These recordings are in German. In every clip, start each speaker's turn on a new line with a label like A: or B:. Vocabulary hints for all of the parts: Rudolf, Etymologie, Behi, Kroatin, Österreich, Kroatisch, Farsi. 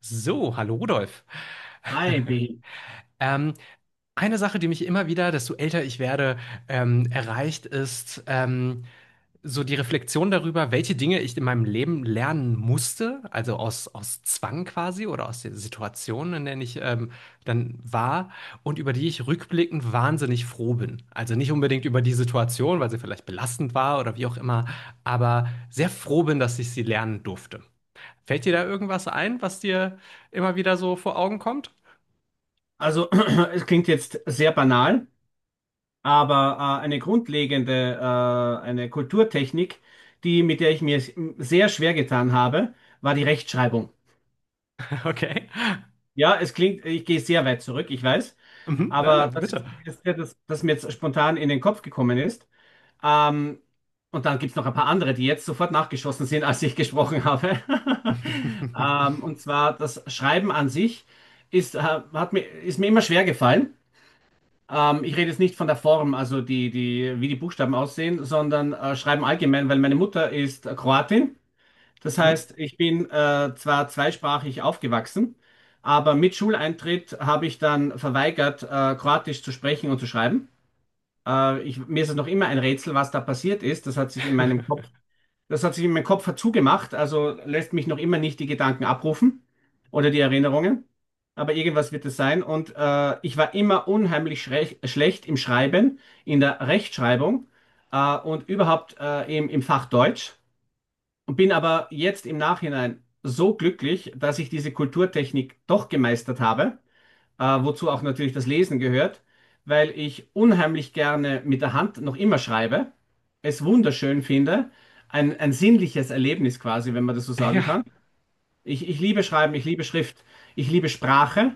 A: So, hallo Rudolf.
B: Hi, Behi.
A: Ähm, eine Sache, die mich immer wieder, desto älter ich werde, erreicht, ist so die Reflexion darüber, welche Dinge ich in meinem Leben lernen musste, also aus Zwang quasi oder aus der Situation, in der ich dann war und über die ich rückblickend wahnsinnig froh bin. Also nicht unbedingt über die Situation, weil sie vielleicht belastend war oder wie auch immer, aber sehr froh bin, dass ich sie lernen durfte. Fällt dir da irgendwas ein, was dir immer wieder so vor Augen kommt?
B: Also, es klingt jetzt sehr banal, aber eine grundlegende, eine Kulturtechnik, die, mit der ich mir sehr schwer getan habe, war die Rechtschreibung.
A: Okay.
B: Ja, es klingt, ich gehe sehr weit zurück, ich weiß,
A: Mhm. Nein,
B: aber
A: aber
B: das ist
A: bitte.
B: das Erste, das mir jetzt spontan in den Kopf gekommen ist. Ähm, und dann gibt es noch ein paar andere, die jetzt sofort nachgeschossen sind, als ich gesprochen habe. Und zwar das Schreiben an sich ist mir immer schwer gefallen. Ich rede jetzt nicht von der Form, also die, wie die Buchstaben aussehen, sondern schreiben allgemein, weil meine Mutter ist Kroatin. Das
A: Mhm.
B: heißt, ich bin zwar zweisprachig aufgewachsen, aber mit Schuleintritt habe ich dann verweigert, Kroatisch zu sprechen und zu schreiben. Mir ist es noch immer ein Rätsel, was da passiert ist. Das hat sich in meinem Kopf zugemacht, also lässt mich noch immer nicht die Gedanken abrufen oder die Erinnerungen. Aber irgendwas wird es sein. Und ich war immer unheimlich schlecht im Schreiben, in der Rechtschreibung und überhaupt im Fach Deutsch. Und bin aber jetzt im Nachhinein so glücklich, dass ich diese Kulturtechnik doch gemeistert habe, wozu auch natürlich das Lesen gehört, weil ich unheimlich gerne mit der Hand noch immer schreibe, es wunderschön finde, ein sinnliches Erlebnis quasi, wenn man das so sagen
A: Ja,
B: kann. Ich liebe Schreiben, ich liebe Schrift, ich liebe Sprache,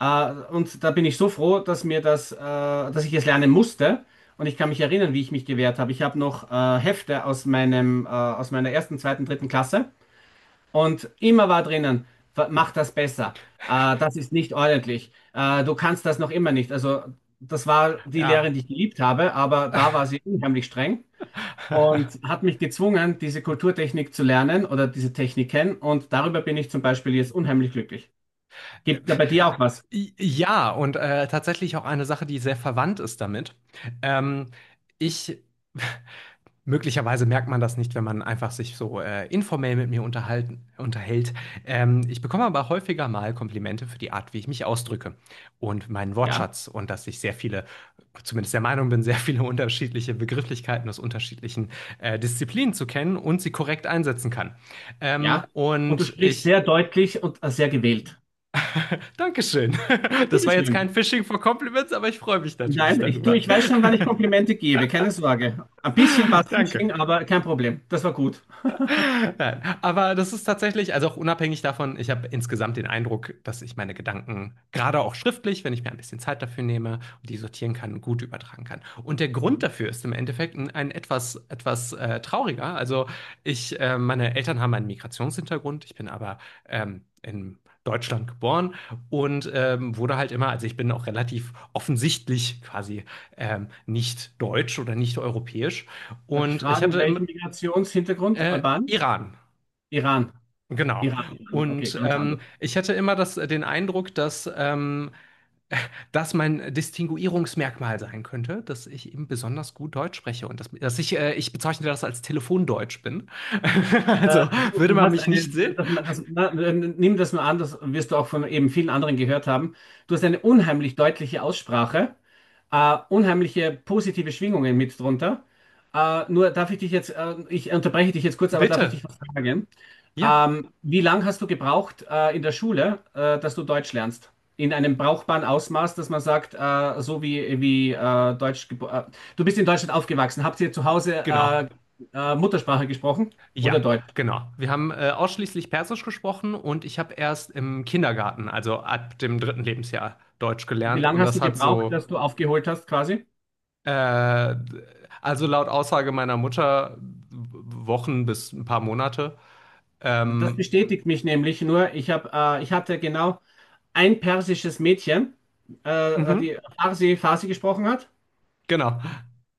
B: und da bin ich so froh, dass dass ich es lernen musste. Und ich kann mich erinnern, wie ich mich gewehrt habe. Ich habe noch Hefte aus aus meiner ersten, zweiten, dritten Klasse. Und immer war drinnen, mach das besser. Das ist nicht ordentlich. Du kannst das noch immer nicht. Also das war die
A: ja.
B: Lehrerin, die ich geliebt habe, aber da war sie unheimlich streng und hat mich gezwungen, diese Kulturtechnik zu lernen oder diese Techniken. Und darüber bin ich zum Beispiel jetzt unheimlich glücklich. Gibt da bei dir auch was?
A: I- Ja, und tatsächlich auch eine Sache, die sehr verwandt ist damit. Ähm, ich Möglicherweise merkt man das nicht, wenn man einfach sich so, informell mit mir unterhalten unterhält. Ich bekomme aber häufiger mal Komplimente für die Art, wie ich mich ausdrücke und meinen
B: Ja,
A: Wortschatz und dass ich sehr viele zumindest der Meinung bin, sehr viele unterschiedliche Begrifflichkeiten aus unterschiedlichen, Disziplinen zu kennen und sie korrekt einsetzen kann.
B: ja. Und du
A: Und
B: sprichst
A: ich
B: sehr deutlich und sehr gewählt.
A: Danke schön. Das war jetzt kein
B: Bitteschön.
A: Fishing for Compliments, aber ich freue mich natürlich
B: Nein,
A: darüber.
B: ich weiß schon, wann ich Komplimente gebe, keine Sorge. Ein bisschen war es
A: Danke.
B: Phishing, aber kein Problem. Das war gut.
A: Nein, aber das ist tatsächlich, also auch unabhängig davon, ich habe insgesamt den Eindruck, dass ich meine Gedanken, gerade auch schriftlich, wenn ich mir ein bisschen Zeit dafür nehme und die sortieren kann, gut übertragen kann. Und der Grund dafür ist im Endeffekt ein etwas trauriger. Also ich, meine Eltern haben einen Migrationshintergrund, ich bin aber in Deutschland geboren und wurde halt immer, also ich bin auch relativ offensichtlich quasi nicht deutsch oder nicht europäisch.
B: Darf ich
A: Und ich
B: fragen,
A: hatte im
B: welchen Migrationshintergrund? Albanisch?
A: Iran.
B: Iran.
A: Genau.
B: Iran. Okay,
A: Und
B: ganz anders.
A: ich hatte immer das, den Eindruck, dass das mein Distinguierungsmerkmal sein könnte, dass ich eben besonders gut Deutsch spreche und dass ich, ich bezeichne das als Telefondeutsch bin. Also würde
B: Du
A: man
B: hast
A: mich nicht
B: eine,
A: sehen?
B: nimm das mal an, das wirst du auch von eben vielen anderen gehört haben. Du hast eine unheimlich deutliche Aussprache, unheimliche positive Schwingungen mit drunter. Nur darf ich dich jetzt, Ich unterbreche dich jetzt kurz, aber darf ich
A: Bitte.
B: dich was fragen?
A: Ja,
B: Wie lange hast du gebraucht in der Schule, dass du Deutsch lernst? In einem brauchbaren Ausmaß, dass man sagt, so wie du bist in Deutschland aufgewachsen. Habt ihr zu Hause
A: genau.
B: Muttersprache gesprochen oder
A: Ja,
B: Deutsch?
A: genau. Wir haben ausschließlich Persisch gesprochen und ich habe erst im Kindergarten, also ab dem dritten Lebensjahr, Deutsch
B: Und wie
A: gelernt
B: lange
A: und
B: hast
A: das
B: du
A: hat
B: gebraucht,
A: so
B: dass du aufgeholt hast quasi?
A: Äh, also laut Aussage meiner Mutter Wochen bis ein paar Monate.
B: Das
A: Ähm,
B: bestätigt mich nämlich nur. Ich hatte genau ein persisches Mädchen,
A: mhm,
B: die Farsi gesprochen hat.
A: genau.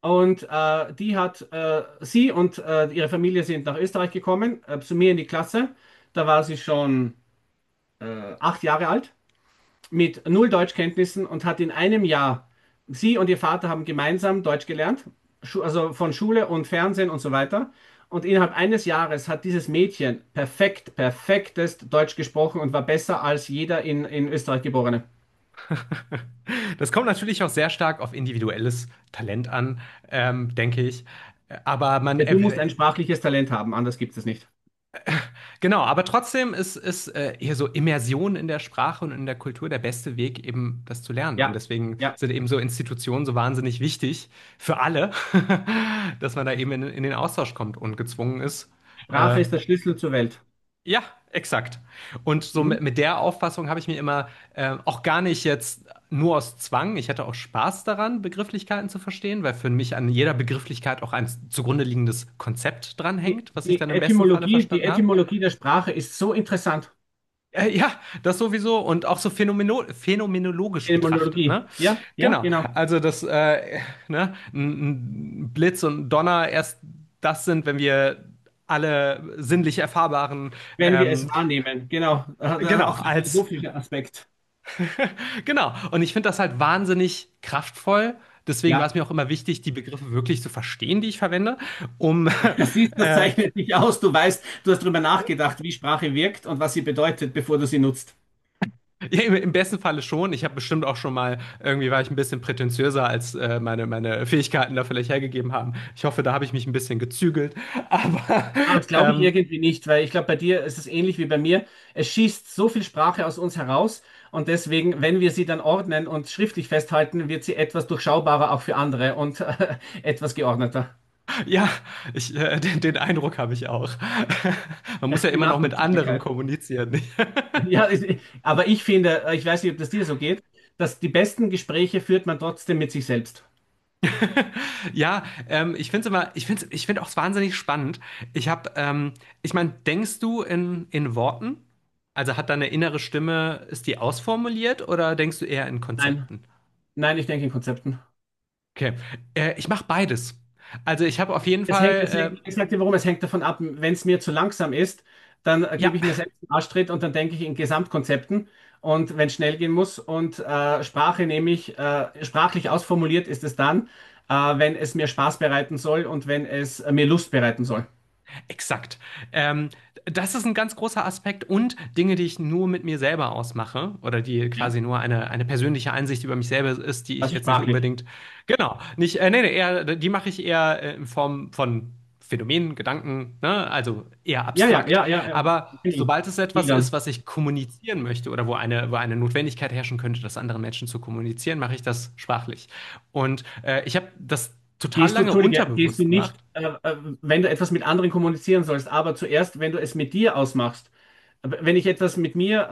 B: Und sie und ihre Familie sind nach Österreich gekommen, zu mir in die Klasse. Da war sie schon acht Jahre alt mit null Deutschkenntnissen und hat in einem Jahr, sie und ihr Vater haben gemeinsam Deutsch gelernt, also von Schule und Fernsehen und so weiter. Und innerhalb eines Jahres hat dieses Mädchen perfekt, perfektest Deutsch gesprochen und war besser als jeder in Österreich Geborene.
A: Das kommt natürlich auch sehr stark auf individuelles Talent an, denke ich. Aber man,
B: Ja, du musst ein sprachliches Talent haben, anders gibt es nicht.
A: genau, aber trotzdem ist hier so Immersion in der Sprache und in der Kultur der beste Weg, eben das zu lernen. Und
B: Ja,
A: deswegen
B: ja,
A: sind eben so Institutionen so wahnsinnig wichtig für alle, dass man da eben in den Austausch kommt und gezwungen ist,
B: Sprache
A: äh,
B: ist der Schlüssel zur Welt.
A: ja, exakt. Und so
B: Mhm.
A: mit der Auffassung habe ich mir immer auch gar nicht jetzt nur aus Zwang, ich hatte auch Spaß daran, Begrifflichkeiten zu verstehen, weil für mich an jeder Begrifflichkeit auch ein zugrunde liegendes Konzept dranhängt, was ich dann im besten Falle
B: Die
A: verstanden habe.
B: Etymologie der Sprache ist so interessant.
A: Ja, das sowieso und auch so phänomenologisch betrachtet,
B: Etymologie,
A: ne?
B: ja, ja,
A: Genau.
B: genau.
A: Also, das ne, ein Blitz und ein Donner erst, das sind, wenn wir alle sinnlich erfahrbaren,
B: Wenn wir
A: ähm,
B: es wahrnehmen. Genau,
A: genau,
B: auch der
A: als
B: philosophische Aspekt.
A: genau. Und ich finde das halt wahnsinnig kraftvoll. Deswegen war
B: Ja,
A: es mir auch immer wichtig, die Begriffe wirklich zu verstehen, die ich verwende, um
B: das ist, das
A: äh,
B: zeichnet dich aus. Du weißt, du hast darüber nachgedacht, wie Sprache wirkt und was sie bedeutet, bevor du sie nutzt.
A: ja, im besten Falle schon. Ich habe bestimmt auch schon mal, irgendwie war ich ein bisschen prätentiöser, als meine Fähigkeiten da vielleicht hergegeben haben. Ich hoffe, da habe ich mich ein bisschen gezügelt. Aber
B: Ah, das glaube ich
A: ähm,
B: irgendwie nicht, weil ich glaube, bei dir ist es ähnlich wie bei mir. Es schießt so viel Sprache aus uns heraus und deswegen, wenn wir sie dann ordnen und schriftlich festhalten, wird sie etwas durchschaubarer auch für andere und etwas geordneter.
A: ja, ich, den Eindruck habe ich auch. Man muss ja
B: Die
A: immer noch mit anderen
B: Nachvollziehbarkeit.
A: kommunizieren.
B: Ja, es- aber ich finde, ich weiß nicht, ob das dir so geht, dass die besten Gespräche führt man trotzdem mit sich selbst.
A: Ja, ich finde es immer, ich find auch wahnsinnig spannend. Ich habe, ich meine, denkst du in Worten? Also hat deine innere Stimme, ist die ausformuliert oder denkst du eher in
B: Nein,
A: Konzepten?
B: nein, ich denke in Konzepten.
A: Okay, ich mache beides. Also ich habe auf jeden
B: Es
A: Fall,
B: hängt, ich sag dir warum, es hängt davon ab, wenn es mir zu langsam ist, dann gebe
A: ja,
B: ich mir selbst einen Arschtritt und dann denke ich in Gesamtkonzepten. Und wenn es schnell gehen muss und Sprache nehme ich, sprachlich ausformuliert ist es dann, äh, wenn es mir Spaß bereiten soll und wenn es mir Lust bereiten soll.
A: exakt. Ähm, das ist ein ganz großer Aspekt und Dinge, die ich nur mit mir selber ausmache oder die
B: Ja,
A: quasi nur eine persönliche Einsicht über mich selber ist, die ich
B: das ist
A: jetzt nicht
B: sprachlich.
A: unbedingt, genau, nicht, nee, nee, eher, die mache ich eher in Form von Phänomenen, Gedanken, ne? Also eher
B: Ja, ja,
A: abstrakt.
B: ja, ja, ja.
A: Aber
B: Viel
A: sobald es
B: viel
A: etwas ist,
B: dann.
A: was ich kommunizieren möchte oder wo eine Notwendigkeit herrschen könnte, das anderen Menschen zu kommunizieren, mache ich das sprachlich. Und ich habe das total
B: Gehst du,
A: lange
B: entschuldige, gehst du
A: unterbewusst gemacht.
B: nicht, wenn du etwas mit anderen kommunizieren sollst, aber zuerst, wenn du es mit dir ausmachst, wenn ich etwas mit mir,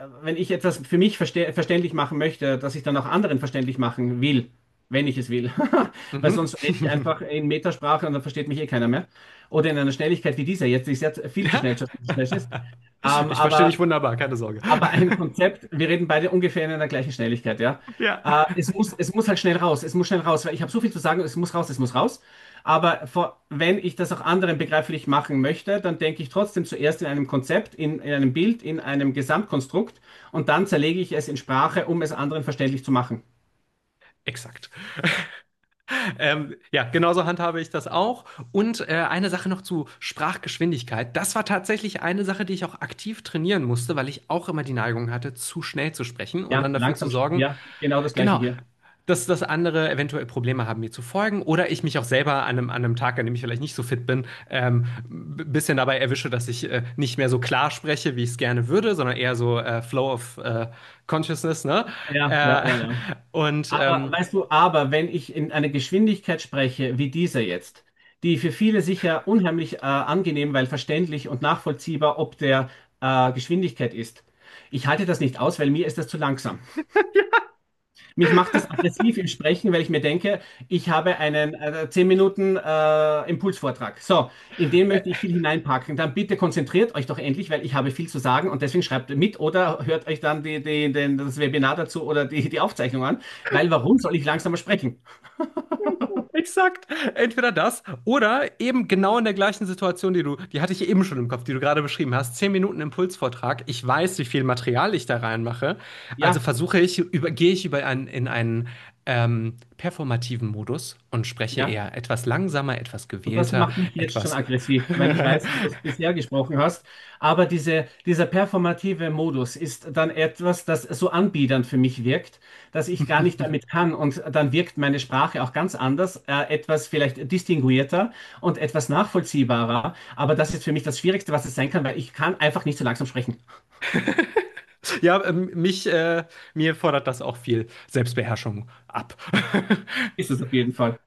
B: wenn ich etwas für mich verste verständlich machen möchte, dass ich dann auch anderen verständlich machen will, wenn ich es will. Weil
A: Mhm.
B: sonst rede ich einfach in Metasprache und dann versteht mich eh keiner mehr. Oder in einer Schnelligkeit wie dieser jetzt, die sehr viel zu
A: Ja.
B: schnell ist. Ähm,
A: Ich verstehe
B: aber
A: dich wunderbar, keine Sorge.
B: aber ein Konzept, wir reden beide ungefähr in einer gleichen Schnelligkeit, ja.
A: Ja,
B: Es muss halt schnell raus, es muss schnell raus, weil ich habe so viel zu sagen, es muss raus, es muss raus. Wenn ich das auch anderen begreiflich machen möchte, dann denke ich trotzdem zuerst in einem Konzept, in einem Bild, in einem Gesamtkonstrukt und dann zerlege ich es in Sprache, um es anderen verständlich zu machen.
A: exakt. Ja, genauso handhabe ich das auch. Und eine Sache noch zu Sprachgeschwindigkeit. Das war tatsächlich eine Sache, die ich auch aktiv trainieren musste, weil ich auch immer die Neigung hatte, zu schnell zu sprechen und
B: Ja,
A: dann dafür zu
B: langsam,
A: sorgen,
B: ja, genau das Gleiche
A: genau,
B: hier.
A: Dass andere eventuell Probleme haben, mir zu folgen oder ich mich auch selber an an einem Tag, an dem ich vielleicht nicht so fit bin, ein bisschen dabei erwische, dass ich nicht mehr so klar spreche, wie ich es gerne würde, sondern eher so Flow of Consciousness, ne?
B: Ja, ja,
A: Äh,
B: ja, ja.
A: und
B: Aber weißt du, aber wenn ich in einer Geschwindigkeit spreche, wie dieser jetzt, die für viele sicher unheimlich angenehm, weil verständlich und nachvollziehbar ob der Geschwindigkeit ist, ich halte das nicht aus, weil mir ist das zu langsam. Mich macht das aggressiv im Sprechen, weil ich mir denke, ich habe einen 10 Minuten Impulsvortrag. So, in den
A: äh,
B: möchte ich viel hineinpacken. Dann bitte konzentriert euch doch endlich, weil ich habe viel zu sagen und deswegen schreibt mit oder hört euch dann das Webinar dazu oder die Aufzeichnung an, weil warum soll ich langsamer sprechen?
A: exakt. Entweder das oder eben genau in der gleichen Situation, die du, die hatte ich eben schon im Kopf, die du gerade beschrieben hast. 10 Minuten Impulsvortrag. Ich weiß, wie viel Material ich da reinmache. Also
B: Ja,
A: versuche ich, gehe ich über einen, in einen performativen Modus und spreche
B: ja.
A: eher etwas langsamer, etwas
B: Und das
A: gewählter,
B: macht mich jetzt schon
A: etwas.
B: aggressiv, weil ich weiß, wie du es bisher gesprochen hast. Aber dieser performative Modus ist dann etwas, das so anbiedernd für mich wirkt, dass ich gar nicht damit kann. Und dann wirkt meine Sprache auch ganz anders, etwas vielleicht distinguierter und etwas nachvollziehbarer. Aber das ist für mich das Schwierigste, was es sein kann, weil ich kann einfach nicht so langsam sprechen.
A: Ja, mir fordert das auch viel Selbstbeherrschung ab.
B: Ist es auf jeden Fall.